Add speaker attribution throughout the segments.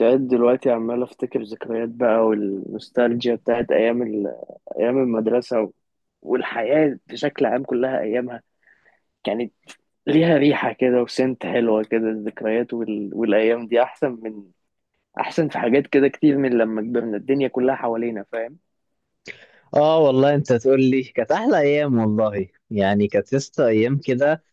Speaker 1: قاعد دلوقتي عمال افتكر ذكريات بقى والنوستالجيا بتاعت ايام المدرسه والحياه بشكل عام كلها ايامها كانت ليها ريحه كده وسنت حلوه كده الذكريات والايام دي احسن من احسن في حاجات كده كتير من لما كبرنا الدنيا كلها حوالينا فاهم.
Speaker 2: اه والله انت تقول لي كانت احلى ايام. والله يعني كانت لسه ايام كده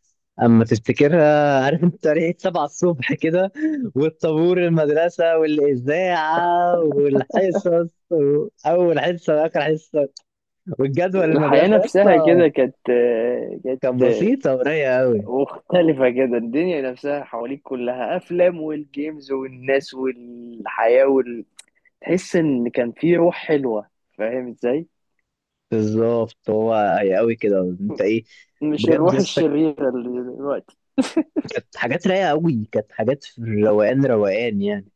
Speaker 2: اما تفتكرها، عارف؟ انت ريحه 7 الصبح كده، والطابور المدرسه والاذاعه والحصص، اول حصه واخر حصه، والجدول
Speaker 1: الحياه
Speaker 2: المدرسه لسه.
Speaker 1: نفسها كده كانت آه، كانت
Speaker 2: كانت
Speaker 1: آه،
Speaker 2: بسيطه ورايقه قوي.
Speaker 1: مختلفه كده، الدنيا نفسها حواليك كلها افلام والجيمز والناس والحياه تحس ان كان في روح حلوه، فاهم ازاي؟
Speaker 2: بالظبط، هو هي قوي كده. انت ايه؟
Speaker 1: مش
Speaker 2: بجد
Speaker 1: الروح
Speaker 2: لسه
Speaker 1: الشريرة اللي دلوقتي.
Speaker 2: كانت حاجات رايقه قوي، كانت حاجات في الروقان، روقان يعني.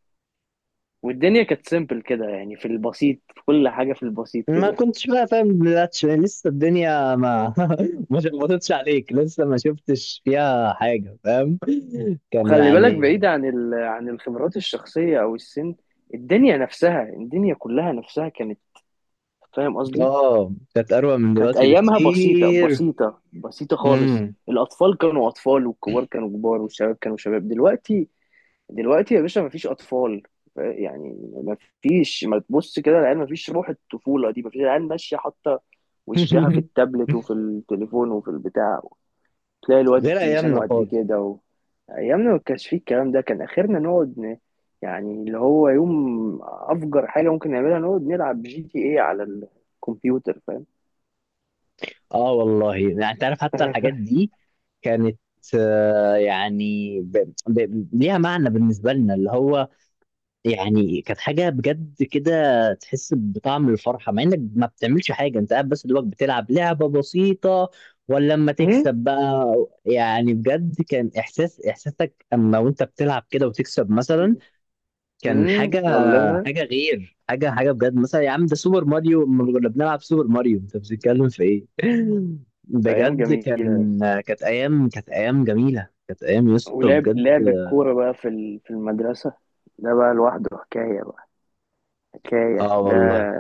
Speaker 1: والدنيا كانت سيمبل كده، يعني في البسيط في كل حاجة في البسيط
Speaker 2: ما
Speaker 1: كده.
Speaker 2: كنتش بقى فاهم باللاتش، لسه الدنيا ما ما شخبطتش عليك، لسه ما شفتش فيها حاجة، فاهم؟ كان
Speaker 1: وخلي بالك
Speaker 2: يعني.
Speaker 1: بعيد عن عن الخبرات الشخصية أو السن، الدنيا نفسها الدنيا كلها نفسها كانت، فاهم قصدي؟
Speaker 2: اه كانت أروع من
Speaker 1: كانت
Speaker 2: دلوقتي
Speaker 1: أيامها بسيطة
Speaker 2: بكتير.
Speaker 1: بسيطة بسيطة خالص.
Speaker 2: امم.
Speaker 1: الأطفال كانوا أطفال والكبار كانوا كبار والشباب كانوا شباب. دلوقتي دلوقتي يا باشا مفيش اطفال، يعني مفيش، ما تبص كده العيال مفيش روح الطفوله دي، مفيش، العيال ماشيه حاطه وشها في التابلت وفي التليفون وفي البتاع. تلاقي الواد
Speaker 2: غير
Speaker 1: لسانه
Speaker 2: أيامنا
Speaker 1: قد
Speaker 2: خالص.
Speaker 1: كده ايامنا ما كانش فيه الكلام ده، كان اخرنا نقعد يعني اللي هو يوم افجر حاجه ممكن نعملها نقعد نلعب جي تي ايه على الكمبيوتر، فاهم؟
Speaker 2: اه والله يعني انت عارف حتى الحاجات دي كانت ليها معنى بالنسبة لنا، اللي هو يعني كانت حاجة بجد كده. تحس بطعم الفرحة مع انك ما بتعملش حاجة، انت قاعد بس دوبك بتلعب لعبة بسيطة، ولا لما تكسب بقى. يعني بجد كان احساس، احساسك اما وانت بتلعب كده وتكسب مثلا كان حاجة،
Speaker 1: والله.
Speaker 2: حاجة غير، حاجة حاجة بجد. مثلا يا عم، ده سوبر ماريو، اما كنا بنلعب سوبر ماريو انت بتتكلم في ايه؟
Speaker 1: ايام
Speaker 2: بجد
Speaker 1: جميله.
Speaker 2: كان. كانت ايام، كانت ايام جميلة، كانت ايام يا اسطى
Speaker 1: ولعب
Speaker 2: بجد.
Speaker 1: لعب الكورة بقى في المدرسة، ده بقى لوحده حكاية بقى، حكاية
Speaker 2: اه
Speaker 1: ده،
Speaker 2: والله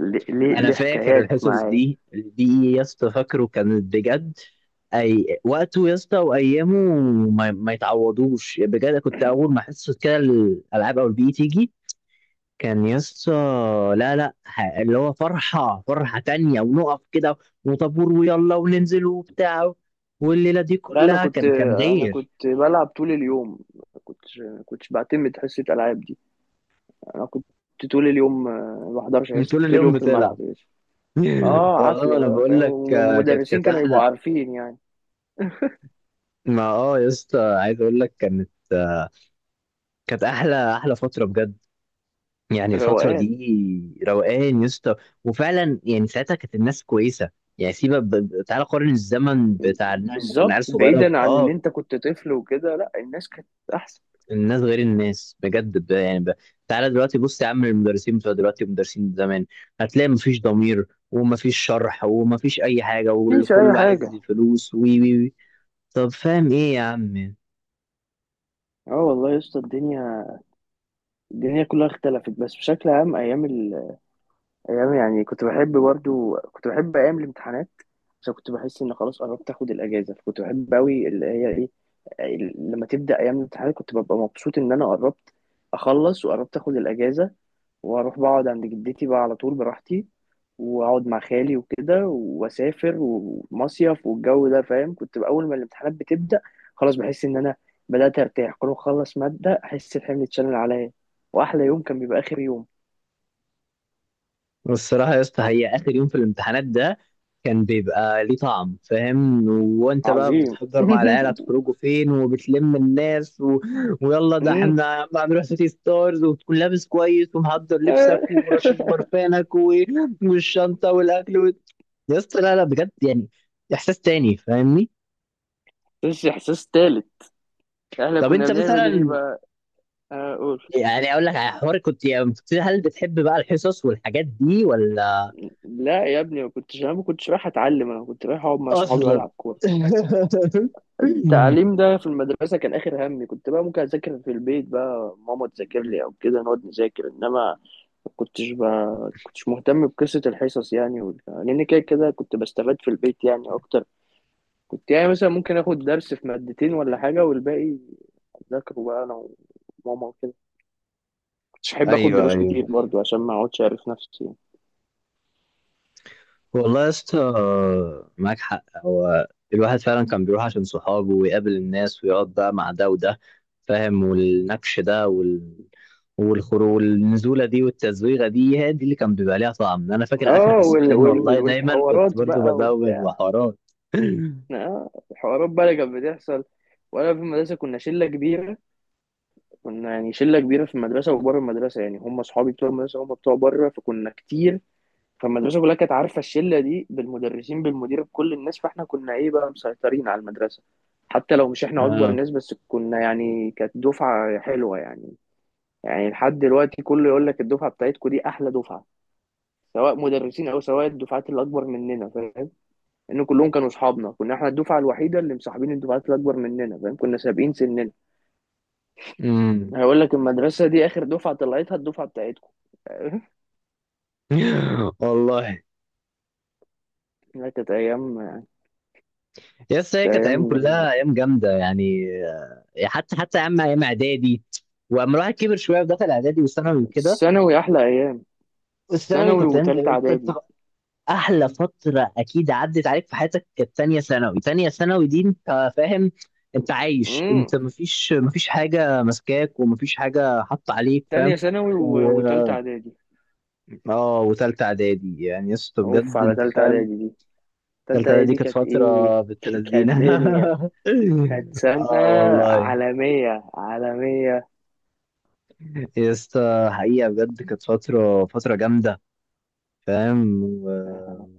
Speaker 1: ليه ليه
Speaker 2: انا
Speaker 1: ليه
Speaker 2: فاكر
Speaker 1: حكايات
Speaker 2: الحصص
Speaker 1: معايا.
Speaker 2: دي دي يا اسطى، فاكره كانت بجد. اي وقته يا اسطى وايامه ما يتعوضوش بجد. كنت اول ما حصه كده الالعاب او البي تيجي كان يا اسطى، لا لا ه- اللي هو فرحه، فرحه تانية، ونقف كده وطابور ويلا وننزل وبتاع، والليله دي
Speaker 1: لا، أنا
Speaker 2: كلها
Speaker 1: كنت
Speaker 2: كان كان
Speaker 1: أنا
Speaker 2: غير.
Speaker 1: كنت بلعب طول اليوم، ما كنتش بعتمد حصة ألعاب دي. أنا كنت طول اليوم، ما بحضرش حصة،
Speaker 2: طول
Speaker 1: كنت طول
Speaker 2: اليوم
Speaker 1: اليوم في
Speaker 2: بتلعب.
Speaker 1: الملعب يا باشا. اه،
Speaker 2: والله
Speaker 1: عافية
Speaker 2: انا
Speaker 1: بقى
Speaker 2: بقول
Speaker 1: فاهم،
Speaker 2: لك آه، كانت
Speaker 1: والمدرسين
Speaker 2: كانت
Speaker 1: كانوا يبقوا
Speaker 2: احلى.
Speaker 1: عارفين يعني.
Speaker 2: ما اه يا اسطى عايز اقول لك كانت كانت احلى، احلى فتره بجد. يعني الفتره
Speaker 1: روقان.
Speaker 2: دي روقان يا اسطى. وفعلا يعني ساعتها كانت الناس كويسه. يعني سيبك تعالى قارن الزمن بتاع إن إحنا لما كنا عيال
Speaker 1: بالظبط،
Speaker 2: صغيره
Speaker 1: بعيدا عن ان انت كنت طفل وكده، لا، الناس كانت احسن.
Speaker 2: الناس غير الناس بجد تعالى دلوقتي بص يا عم، المدرسين بتوع دلوقتي ومدرسين زمان، هتلاقي مفيش ضمير ومفيش شرح ومفيش اي حاجه،
Speaker 1: مفيش اي
Speaker 2: وكله
Speaker 1: حاجه.
Speaker 2: عايز فلوس وي وي وي. طب فاهم ايه يا عم؟
Speaker 1: اه والله يا اسطى، الدنيا الدنيا كلها اختلفت. بس بشكل عام ايام ايام، يعني كنت بحب برضو كنت بحب ايام الامتحانات، عشان كنت بحس ان خلاص قربت اخد الاجازه، فكنت بحب قوي اللي هي ايه، لما تبدا ايام الامتحانات كنت ببقى مبسوط ان انا قربت اخلص وقربت اخد الاجازه واروح بقعد عند جدتي بقى على طول براحتي، واقعد مع خالي وكده واسافر ومصيف والجو ده فاهم. كنت اول ما الامتحانات بتبدا خلاص بحس ان انا بدات ارتاح، كل ما اخلص ماده احس الحمل اتشال من عليا، واحلى يوم كان بيبقى اخر يوم.
Speaker 2: والصراحة يا اسطى هي آخر يوم في الامتحانات ده كان بيبقى ليه طعم، فاهم؟ وانت بقى
Speaker 1: عظيم.
Speaker 2: بتحضر مع العيلة هتخرجوا فين، وبتلم الناس و... ويلا ده
Speaker 1: أمم.
Speaker 2: احنا هنروح سيتي ستارز، وتكون لابس كويس ومحضر لبسك
Speaker 1: آه.
Speaker 2: ورشش برفانك و... والشنطة والأكل و... يا اسطى لا لا، بجد يعني إحساس تاني، فاهمني؟
Speaker 1: بس احساس تالت، احنا
Speaker 2: طب
Speaker 1: كنا
Speaker 2: انت
Speaker 1: بنعمل ايه
Speaker 2: مثلا
Speaker 1: بقى؟ آه، اقول.
Speaker 2: يعني أقول لك على حوار. كنت يعني هل بتحب بقى الحصص والحاجات دي ولا؟
Speaker 1: لا يا ابني، ما كنتش، انا ما كنتش رايح اتعلم، انا كنت رايح اقعد مع صحابي
Speaker 2: أصلا.
Speaker 1: والعب كوره. التعليم ده في المدرسه كان اخر همي، كنت بقى ممكن اذاكر في البيت بقى، ماما تذاكر لي او كده نقعد نذاكر، انما ما كنتش بقى كنتش مهتم بقصه الحصص يعني لان كده كده كنت بستفاد في البيت يعني اكتر. كنت يعني مثلا ممكن اخد درس في مادتين ولا حاجه، والباقي اذاكره بقى انا وماما وكده. مش هحب اخد
Speaker 2: ايوه
Speaker 1: دروس
Speaker 2: ايوه.
Speaker 1: كتير برضو عشان ما اقعدش اعرف نفسي يعني.
Speaker 2: والله يا اسطى معاك حق. هو الواحد فعلا كان بيروح عشان صحابه ويقابل الناس ويقعد بقى مع ده وده، فاهم؟ والنكش ده والخروج والنزوله دي والتزويغه دي، هي دي اللي كان بيبقى ليها طعم. انا فاكر اخر
Speaker 1: اه
Speaker 2: حصتين والله دايما كنت
Speaker 1: والحوارات
Speaker 2: برضو
Speaker 1: بقى
Speaker 2: بزوغ
Speaker 1: وبتاع.
Speaker 2: وحوارات.
Speaker 1: اه الحوارات بقى اللي كانت بتحصل وانا في المدرسه، كنا شله كبيره، كنا يعني شله كبيره في المدرسه وبره المدرسه، يعني هم اصحابي بتوع المدرسه هم بتوع بره، فكنا كتير. فالمدرسه كلها كانت عارفه الشله دي، بالمدرسين بالمدير بكل الناس، فاحنا كنا ايه بقى، مسيطرين على المدرسه. حتى لو مش احنا اكبر
Speaker 2: اه.
Speaker 1: ناس، بس كنا يعني كانت دفعه حلوه يعني. يعني لحد دلوقتي كله يقول لك الدفعه بتاعتكم دي احلى دفعه، سواء مدرسين او سواء الدفعات اللي اكبر مننا، فاهم؟ ان كلهم كانوا اصحابنا، كنا احنا الدفعه الوحيده اللي مصاحبين الدفعات اللي اكبر مننا، فاهم؟ كنا سابقين سننا.
Speaker 2: امم.
Speaker 1: هقول لك، المدرسه دي اخر دفعه طلعتها الدفعه بتاعتكم.
Speaker 2: والله
Speaker 1: لا، كانت ايام،
Speaker 2: يا اسطى هي
Speaker 1: كانت
Speaker 2: كانت ايام،
Speaker 1: ايام جميله.
Speaker 2: كلها ايام جامده يعني آه، حتى حتى ايام، ايام اعدادي. واما الواحد كبر شويه ودخل اعدادي وثانوي وكده،
Speaker 1: ثانوي احلى ايام.
Speaker 2: الثانوي
Speaker 1: ثانوي
Speaker 2: كانت عندي
Speaker 1: وتالتة
Speaker 2: انت، أنت
Speaker 1: اعدادي.
Speaker 2: احلى فتره اكيد عدت عليك في حياتك، كانت تانية ثانوي. تانية ثانوي دي انت فاهم، انت عايش،
Speaker 1: امم.
Speaker 2: انت مفيش، مفيش حاجه ماسكاك ومفيش حاجه حاطه عليك، فاهم؟
Speaker 1: تانية ثانوي
Speaker 2: و
Speaker 1: وتالتة اعدادي.
Speaker 2: اه وتالتة اعدادي يعني يا اسطى
Speaker 1: اوف
Speaker 2: بجد
Speaker 1: على
Speaker 2: انت
Speaker 1: تالتة
Speaker 2: فاهم.
Speaker 1: اعدادي دي، تالتة
Speaker 2: تالتة اعدادي
Speaker 1: اعدادي
Speaker 2: كانت
Speaker 1: كانت ايه!
Speaker 2: فتره بنت
Speaker 1: كانت
Speaker 2: لذينه.
Speaker 1: دنيا، كانت سنة
Speaker 2: اه والله
Speaker 1: عالمية، عالمية.
Speaker 2: يا اسطى حقيقه بجد كانت فتره، فتره جامده، فاهم؟
Speaker 1: آه،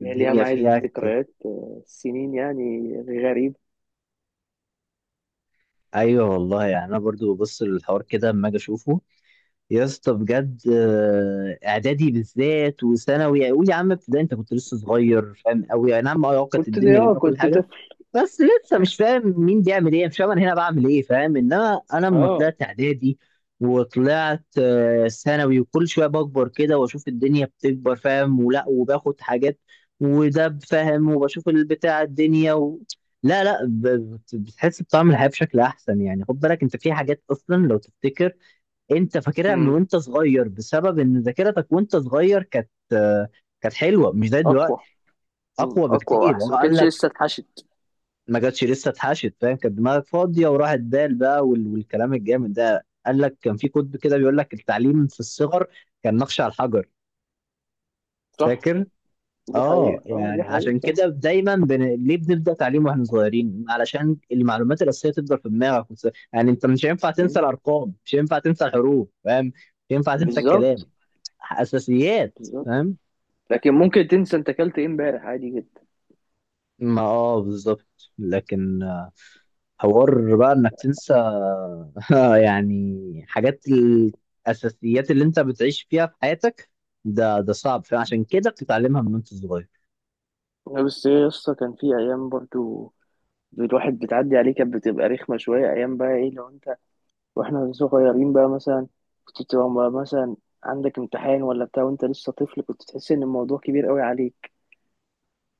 Speaker 1: يعني ليها
Speaker 2: والدنيا
Speaker 1: معايا
Speaker 2: فيها.
Speaker 1: ذكريات سنين يعني، غريب.
Speaker 2: ايوه والله يعني انا برضو ببص للحوار كده اما اجي اشوفه. يا اسطى بجد آه، اعدادي بالذات وثانوي. قول يا عم ابتدائي انت كنت لسه صغير، فاهم؟ قوي اي نعم، اه كانت
Speaker 1: كنت
Speaker 2: الدنيا
Speaker 1: اه
Speaker 2: جميله وكل
Speaker 1: كنت
Speaker 2: حاجه،
Speaker 1: طفل.
Speaker 2: بس لسه مش فاهم مين بيعمل ايه، مش فاهم انا هنا بعمل ايه، فاهم؟ انما انا لما
Speaker 1: اه.
Speaker 2: طلعت اعدادي وطلعت آه، ثانوي، وكل شويه بكبر كده واشوف الدنيا بتكبر، فاهم؟ ولا وباخد حاجات وده، فاهم؟ وبشوف البتاع الدنيا و... لا لا ب- بت- بتحس بطعم الحياه بشكل احسن يعني. خد بالك انت في حاجات اصلا لو تفتكر، انت فاكرها من
Speaker 1: امم.
Speaker 2: وانت صغير، بسبب ان ذاكرتك وانت صغير كانت آه، كانت حلوه مش زي
Speaker 1: اقوى.
Speaker 2: دلوقتي.
Speaker 1: مم.
Speaker 2: اقوى
Speaker 1: اقوى
Speaker 2: بكتير، هو
Speaker 1: واحسن، ما
Speaker 2: قال
Speaker 1: كانتش
Speaker 2: لك.
Speaker 1: لسه اتحشت.
Speaker 2: ما جاتش لسه اتحشت، فاهم؟ كانت دماغك فاضيه وراحت دال بقى والكلام الجامد ده. قال لك كان في كتب كده بيقول لك التعليم في الصغر كان نقش على الحجر،
Speaker 1: صح.
Speaker 2: فاكر؟
Speaker 1: دي
Speaker 2: اه.
Speaker 1: حقيقة، اه دي
Speaker 2: يعني
Speaker 1: حقيقة،
Speaker 2: عشان
Speaker 1: صح.
Speaker 2: كده دايما ليه بنبدا تعليم واحنا صغيرين؟ علشان المعلومات الاساسيه تفضل في دماغك يعني انت مش هينفع تنسى
Speaker 1: مم.
Speaker 2: الارقام، مش هينفع تنسى الحروف، فاهم؟ مش هينفع تنسى الكلام،
Speaker 1: بالظبط.
Speaker 2: اساسيات،
Speaker 1: بالظبط.
Speaker 2: فاهم؟
Speaker 1: لكن ممكن تنسى انت اكلت ايه امبارح عادي جدا.
Speaker 2: ما اه بالظبط لكن حوار بقى انك تنسى يعني حاجات، الاساسيات اللي انت بتعيش فيها في حياتك ده ده صعب، فعشان كده بتتعلمها من وانت صغير.
Speaker 1: لا، بس ايه يا اسطى، كان في ايام برضو الواحد بتعدي عليه كانت بتبقى رخمة شوية، ايام بقى ايه لو انت واحنا صغيرين بقى مثلا، كنت بتبقى مثلا عندك امتحان ولا بتاع وانت لسه طفل، كنت تحس ان الموضوع كبير قوي عليك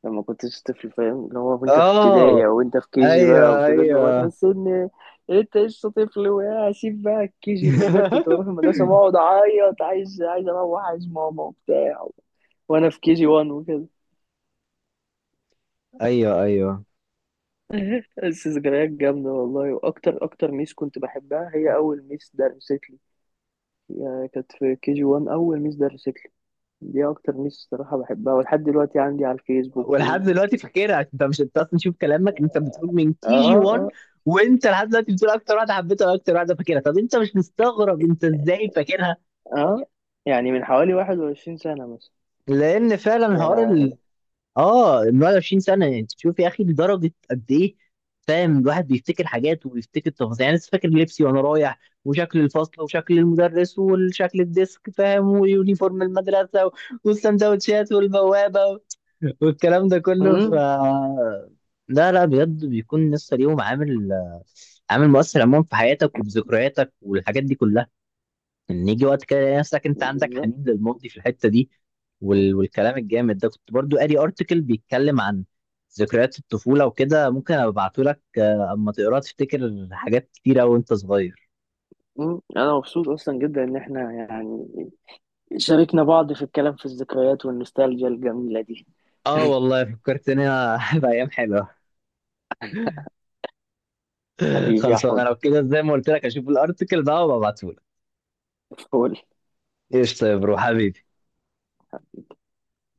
Speaker 1: لما كنتش طفل، فاهم؟ اللي هو وانت في
Speaker 2: اه
Speaker 1: ابتدائي او انت في جي بقى
Speaker 2: ايوه
Speaker 1: وكده، اللي هو
Speaker 2: ايوه.
Speaker 1: تحس ان انت لسه طفل. وهسيب بقى جي بالذات، كنت بروح المدرسه بقعد اعيط، عايز عايز اروح، عايز ماما وبتاع وانا في جي 1 وكده.
Speaker 2: ايوه ايوه.
Speaker 1: بس ذكريات جامده والله. واكتر اكتر ميس كنت بحبها، هي اول ميس درست لي، هي كانت في جي 1 اول ميس درست لي، دي اكتر ميس الصراحه بحبها، ولحد دلوقتي عندي على الفيسبوك
Speaker 2: ولحد
Speaker 1: و...
Speaker 2: دلوقتي فاكرها. انت مش، انت اصلا شوف كلامك، انت بتقول من تي جي
Speaker 1: اه.
Speaker 2: 1،
Speaker 1: اه.
Speaker 2: وانت لحد دلوقتي بتقول اكتر واحده حبيتها واكتر واحده فاكرها، طب انت مش مستغرب انت ازاي فاكرها؟
Speaker 1: اه، يعني من حوالي 21 سنه مثلا.
Speaker 2: لان فعلا حوار.
Speaker 1: يا
Speaker 2: اه 21 سنه يعني تشوف يا اخي لدرجه قد ايه، فاهم؟ الواحد بيفتكر حاجات وبيفتكر تفاصيل، يعني لسه فاكر لبسي وانا رايح، وشكل الفصل وشكل المدرس وشكل الديسك، فاهم؟ ويونيفورم المدرسه والسندوتشات والبوابه والكلام ده كله. ف
Speaker 1: مم.
Speaker 2: لا لا بجد بيكون لسه ليهم عامل، عامل مؤثر عموما في حياتك وفي ذكرياتك والحاجات دي كلها، ان يجي وقت كده يلاقي نفسك انت عندك
Speaker 1: بالظبط.
Speaker 2: حنين للماضي في الحته دي
Speaker 1: مم.
Speaker 2: والكلام الجامد ده. كنت برضو قاري ارتكل بيتكلم عن ذكريات الطفوله وكده، ممكن ابعته لك آه، اما تقراه تفتكر حاجات كتيره وانت صغير.
Speaker 1: مم. انا مبسوط اصلا جدا ان احنا يعني شاركنا بعض في الكلام في الذكريات والنوستالجيا الجميله دي.
Speaker 2: اه والله فكرتني بايام حلوه.
Speaker 1: حبيبي يا
Speaker 2: خلاص انا
Speaker 1: حود.
Speaker 2: لو كده زي ما قلت لك اشوف الارتكل ده وابعته لك.
Speaker 1: فول.
Speaker 2: قشطه يا برو حبيبي.